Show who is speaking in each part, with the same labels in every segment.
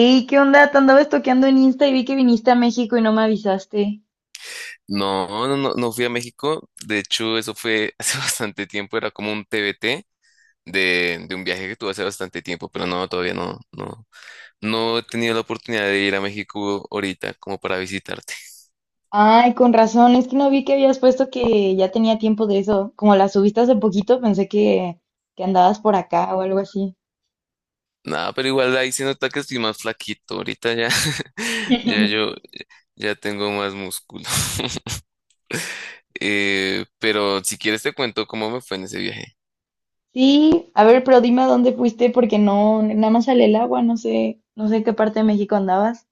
Speaker 1: Ey, ¿qué onda? Te andaba estoqueando en Insta y vi que viniste a México y no me avisaste.
Speaker 2: No, no, no, no fui a México. De hecho, eso fue hace bastante tiempo. Era como un TBT de un viaje que tuve hace bastante tiempo, pero no, todavía no he tenido la oportunidad de ir a México ahorita como para visitarte.
Speaker 1: Ay, con razón, es que no vi que habías puesto que ya tenía tiempo de eso. Como la subiste hace poquito, pensé que andabas por acá o algo así.
Speaker 2: Nada, pero igual ahí se nota que estoy más flaquito. Ahorita ya, ya yo, ya tengo más músculo. Pero si quieres te cuento cómo me fue en ese viaje.
Speaker 1: Sí, a ver, pero dime a dónde fuiste porque no, nada más sale el agua, no sé en qué parte de México andabas.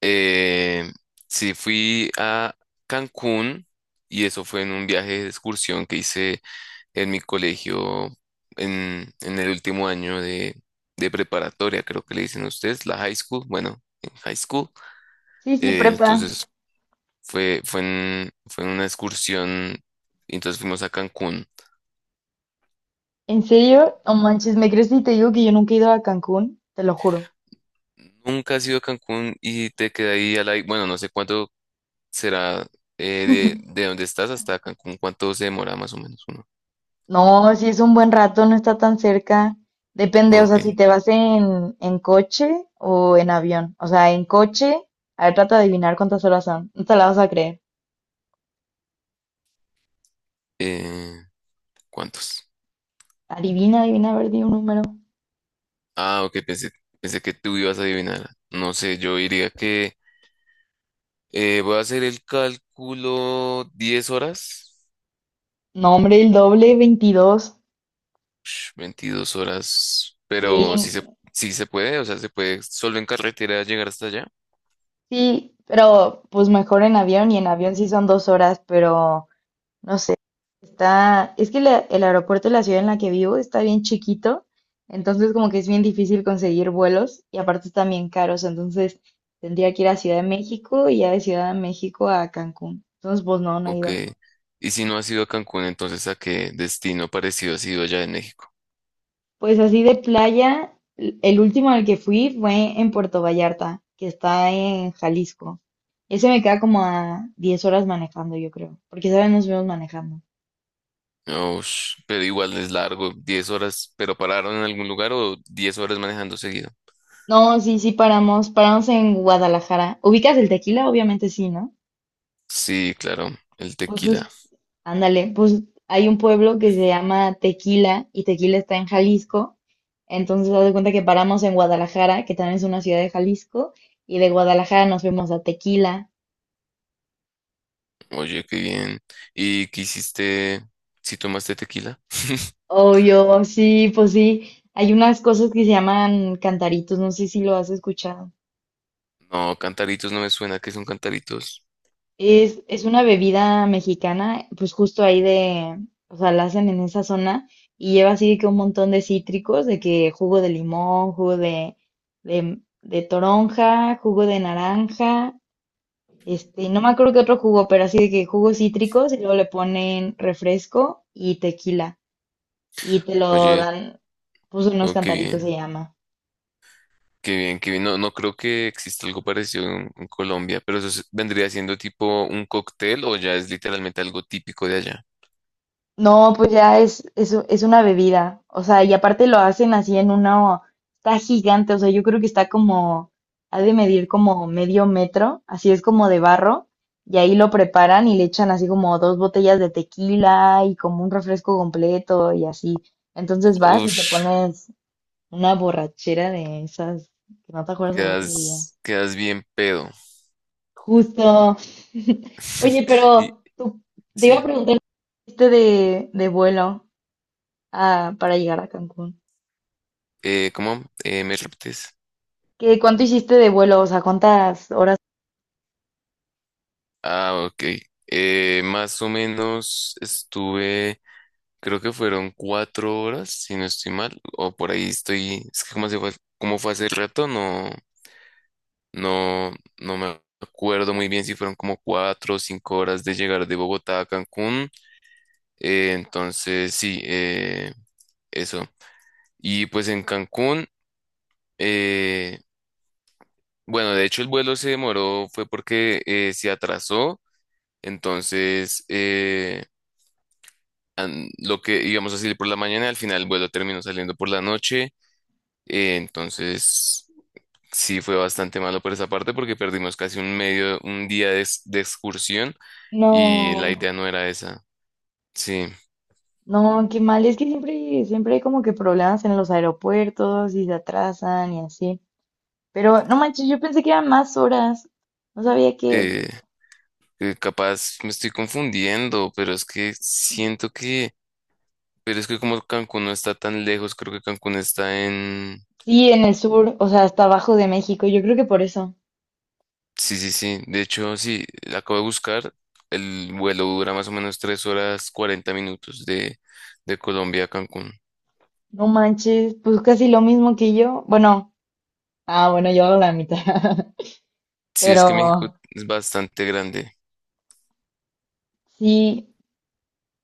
Speaker 2: Eh, sí, fui a Cancún y eso fue en un viaje de excursión que hice en mi colegio, en el último año de preparatoria, creo que le dicen ustedes, la high school, bueno, en high school.
Speaker 1: Sí, sí, prepa.
Speaker 2: Entonces fue en una excursión, y entonces fuimos a Cancún.
Speaker 1: ¿En serio? No manches, ¿me crees si te digo que yo nunca he ido a Cancún? Te lo juro.
Speaker 2: Nunca has ido a Cancún y te queda ahí a la... Bueno, no sé cuánto será de donde estás hasta Cancún, cuánto se demora más o menos uno.
Speaker 1: No, si es un buen rato, no está tan cerca. Depende, o
Speaker 2: Ok.
Speaker 1: sea, si te vas en coche o en avión. O sea, en coche, a ver, trata de adivinar cuántas horas son. No te la vas a creer.
Speaker 2: Eh, ¿Cuántos?
Speaker 1: Adivina, adivina, a ver, di un número.
Speaker 2: Ah, ok, pensé que tú ibas a adivinar. No sé, yo diría que... Voy a hacer el cálculo 10 horas,
Speaker 1: No, hombre, el doble, 22.
Speaker 2: 22 horas,
Speaker 1: Sí,
Speaker 2: sí se puede, o sea, se puede solo en carretera llegar hasta allá.
Speaker 1: sí, pero pues mejor en avión y en avión sí son 2 horas, pero no sé, está, es que el aeropuerto de la ciudad en la que vivo está bien chiquito, entonces como que es bien difícil conseguir vuelos y aparte están bien caros, entonces tendría que ir a Ciudad de México y ya de Ciudad de México a Cancún. Entonces, pues no, no he
Speaker 2: Ok.
Speaker 1: ido.
Speaker 2: Y si no has ido a Cancún, entonces ¿a qué destino parecido has ido allá en México?
Speaker 1: Pues así de playa, el último al que fui fue en Puerto Vallarta, que está en Jalisco. Ese me queda como a 10 horas manejando, yo creo, porque esa vez nos fuimos manejando.
Speaker 2: Ush, pero igual es largo, 10 horas, pero pararon en algún lugar o 10 horas manejando seguido.
Speaker 1: No, sí, sí, paramos en Guadalajara. ¿Ubicas el tequila? Obviamente sí, ¿no?
Speaker 2: Sí, claro, el
Speaker 1: Pues
Speaker 2: tequila.
Speaker 1: justo, ándale, pues hay un pueblo que se llama Tequila y Tequila está en Jalisco. Entonces, haz de cuenta que paramos en Guadalajara, que también es una ciudad de Jalisco, y de Guadalajara nos fuimos a Tequila.
Speaker 2: Oye, qué bien. ¿Y qué hiciste si tomaste tequila?
Speaker 1: Obvio, sí, pues sí, hay unas cosas que se llaman cantaritos, no sé si lo has escuchado.
Speaker 2: No, cantaritos no me suena que son cantaritos.
Speaker 1: Es una bebida mexicana, pues justo ahí de, o sea, la hacen en esa zona y lleva así que un montón de cítricos, de que jugo de limón, jugo de toronja, jugo de naranja, este, no me acuerdo qué otro jugo, pero así de que jugos cítricos y luego le ponen refresco y tequila y te lo
Speaker 2: Oye,
Speaker 1: dan, pues unos
Speaker 2: oh, qué
Speaker 1: cantaritos se
Speaker 2: bien,
Speaker 1: llama.
Speaker 2: qué bien, qué bien. No, no creo que exista algo parecido en Colombia, pero eso es- vendría siendo tipo un cóctel o ya es literalmente algo típico de allá.
Speaker 1: No, pues ya es una bebida. O sea, y aparte lo hacen así en una. Está gigante, o sea, yo creo que está como. Ha de medir como medio metro, así es como de barro. Y ahí lo preparan y le echan así como dos botellas de tequila y como un refresco completo y así. Entonces vas y te
Speaker 2: Ush,
Speaker 1: pones una borrachera de esas que no te acuerdas al otro día.
Speaker 2: quedas bien pedo.
Speaker 1: Justo. Oye,
Speaker 2: Y
Speaker 1: pero tú, te iba
Speaker 2: sí,
Speaker 1: a preguntar este de vuelo ah, para llegar a Cancún.
Speaker 2: ¿cómo? ¿Me repites?
Speaker 1: ¿Qué, cuánto hiciste de vuelo? O sea, ¿cuántas horas?
Speaker 2: Ah, ok. Más o menos estuve, creo que fueron 4 horas, si no estoy mal, o por ahí estoy, es que como fue hace rato, no. No, no me acuerdo muy bien si fueron como 4 o 5 horas de llegar de Bogotá a Cancún. Entonces, sí, eso. Y pues en Cancún, eh, bueno, de hecho el vuelo se demoró, fue porque se atrasó. Entonces, lo que íbamos a salir por la mañana, al final el vuelo terminó saliendo por la noche. Eh, entonces... Sí, fue bastante malo por esa parte porque perdimos un día de, de excursión y la
Speaker 1: No,
Speaker 2: idea no era esa. Sí,
Speaker 1: no, qué mal. Es que siempre hay como que problemas en los aeropuertos y se atrasan y así. Pero no manches, yo pensé que eran más horas. No sabía que...
Speaker 2: eh, capaz me estoy confundiendo, pero es que como Cancún no está tan lejos, creo que Cancún está en...
Speaker 1: Sí, en el sur, o sea, hasta abajo de México. Yo creo que por eso.
Speaker 2: Sí, sí, sí. De hecho, sí, la acabo de buscar. El vuelo dura más o menos 3 horas 40 minutos de Colombia a Cancún.
Speaker 1: No manches, pues casi lo mismo que yo. Bueno, ah, bueno, yo hago la mitad.
Speaker 2: Sí, es que
Speaker 1: Pero
Speaker 2: México es bastante grande.
Speaker 1: sí,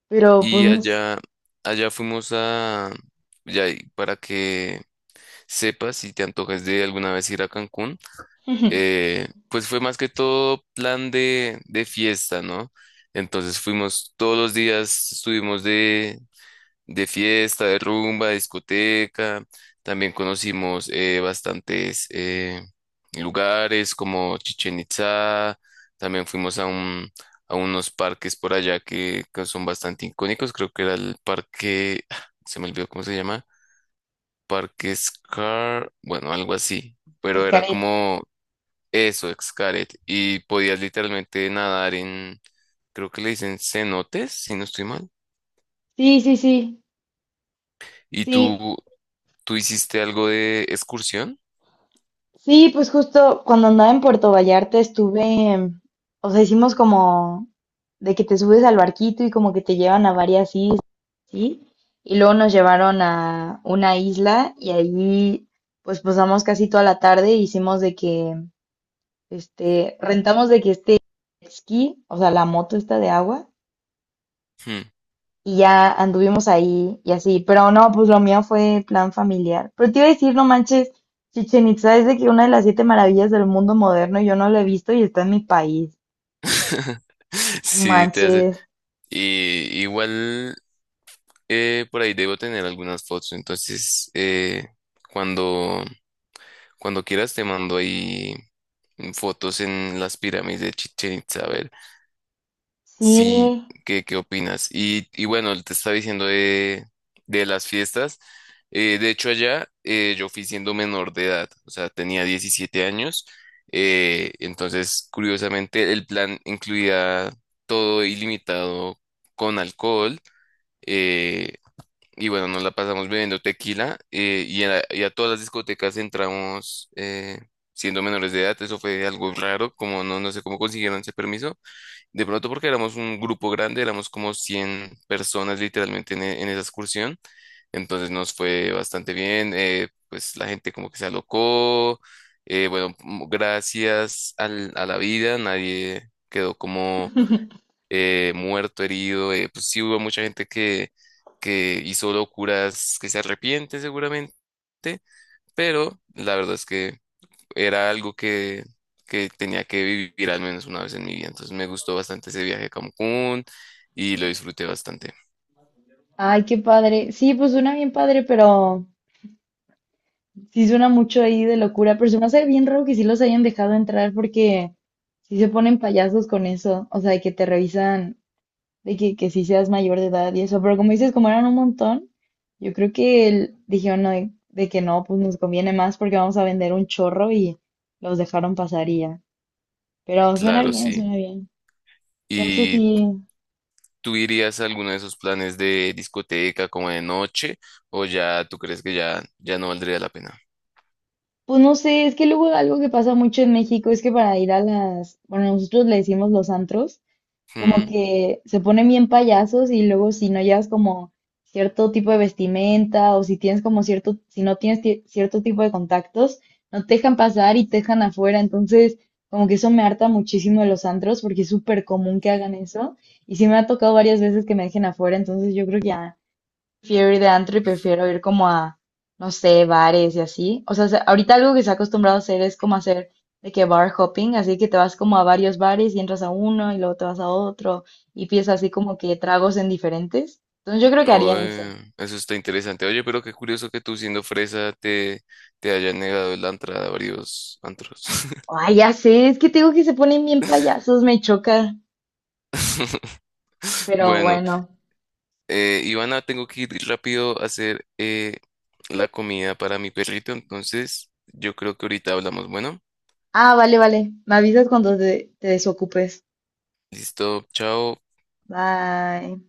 Speaker 1: pero pues
Speaker 2: Y
Speaker 1: no sé.
Speaker 2: allá, allá fuimos a, ya, y para que sepas si te antojas de alguna vez ir a Cancún, pues fue más que todo plan de fiesta, ¿no? Entonces fuimos todos los días, estuvimos de fiesta, de rumba, de discoteca. También conocimos bastantes lugares como Chichen Itza. También fuimos a a unos parques por allá que son bastante icónicos. Creo que era el parque, se me olvidó cómo se llama, Parque Scar, bueno, algo así. Pero era
Speaker 1: Escaret.
Speaker 2: como eso, Xcaret. Y podías literalmente nadar en, creo que le dicen cenotes, si no estoy mal.
Speaker 1: Sí, sí, sí.
Speaker 2: ¿Y
Speaker 1: Sí,
Speaker 2: tú ¿Tú hiciste algo de excursión?
Speaker 1: sí, pues justo cuando andaba en Puerto Vallarta estuve, o sea, hicimos como de que te subes al barquito y como que te llevan a varias islas, ¿sí? Y luego nos llevaron a una isla y ahí pues pasamos casi toda la tarde, e hicimos de que, este, rentamos de que este jet ski, o sea, la moto esta de agua,
Speaker 2: Hmm.
Speaker 1: y ya anduvimos ahí y así, pero no, pues lo mío fue plan familiar. Pero te iba a decir, no manches, Chichen Itza es de que una de las siete maravillas del mundo moderno, yo no lo he visto y está en mi país. No
Speaker 2: Sí, te hace.
Speaker 1: manches,
Speaker 2: Y igual por ahí debo tener algunas fotos. Entonces, cuando, cuando quieras te mando ahí fotos en las pirámides de Chichén Itzá.
Speaker 1: sí,
Speaker 2: Sí, ¿qué, qué opinas? Y bueno, te estaba diciendo de las fiestas. De hecho, allá yo fui siendo menor de edad, o sea, tenía 17 años. Entonces, curiosamente, el plan incluía todo ilimitado con alcohol. eh, y bueno, nos la pasamos bebiendo tequila y a todas las discotecas entramos siendo menores de edad. Eso fue algo raro, como no, no sé cómo consiguieron ese permiso de pronto porque éramos un grupo grande, éramos como 100 personas literalmente en, en esa excursión. Entonces nos fue bastante bien. Pues la gente como que se alocó. Bueno, gracias a la vida, nadie quedó como muerto, herido. Pues sí hubo mucha gente que hizo locuras que se arrepiente seguramente, pero la verdad es que era algo que tenía que vivir al menos una vez en mi vida. Entonces me gustó bastante ese viaje a Cancún y lo disfruté bastante.
Speaker 1: ay, qué padre. Sí, pues suena bien padre, pero sí suena mucho ahí de locura, pero se me hace bien raro que sí los hayan dejado entrar porque sí se ponen payasos con eso, o sea, de que te revisan. De que si seas mayor de edad y eso, pero como dices, como eran un montón, yo creo que el- dijeron no, de que no, pues nos conviene más porque vamos a vender un chorro y los dejaron pasar y ya. Pero suena
Speaker 2: Claro,
Speaker 1: bien,
Speaker 2: sí.
Speaker 1: suena bien. Ya sé
Speaker 2: ¿Y
Speaker 1: si,
Speaker 2: tú irías a alguno de esos planes de discoteca como de noche o ya tú crees que ya, ya no valdría la pena?
Speaker 1: pues no sé, es que luego algo que pasa mucho en México es que para ir a las, bueno, nosotros le decimos los antros, como
Speaker 2: Mm,
Speaker 1: que se ponen bien payasos y luego si no llevas como cierto tipo de vestimenta o si tienes como cierto, si no tienes cierto tipo de contactos, no te dejan pasar y te dejan afuera. Entonces, como que eso me harta muchísimo de los antros porque es súper común que hagan eso. Y sí me ha tocado varias veces que me dejen afuera, entonces yo creo que ya prefiero ir de antro y prefiero ir como a, no sé, bares y así. O sea, se- ahorita algo que se ha acostumbrado a hacer es como hacer de que bar hopping, así que te vas como a varios bares y entras a uno y luego te vas a otro y pides así como que tragos en diferentes. Entonces yo creo que haría eso.
Speaker 2: oe, eso está interesante. Oye, pero qué curioso que tú siendo fresa te, te hayan negado la entrada a varios antros.
Speaker 1: Ay, ya sé, es que te digo que se ponen bien payasos, me choca, pero
Speaker 2: Bueno.
Speaker 1: bueno.
Speaker 2: Ivana, tengo que ir rápido a hacer la comida para mi perrito, entonces yo creo que ahorita hablamos. Bueno,
Speaker 1: Ah, vale, vale. Me avisas cuando te desocupes.
Speaker 2: listo, chao.
Speaker 1: Bye.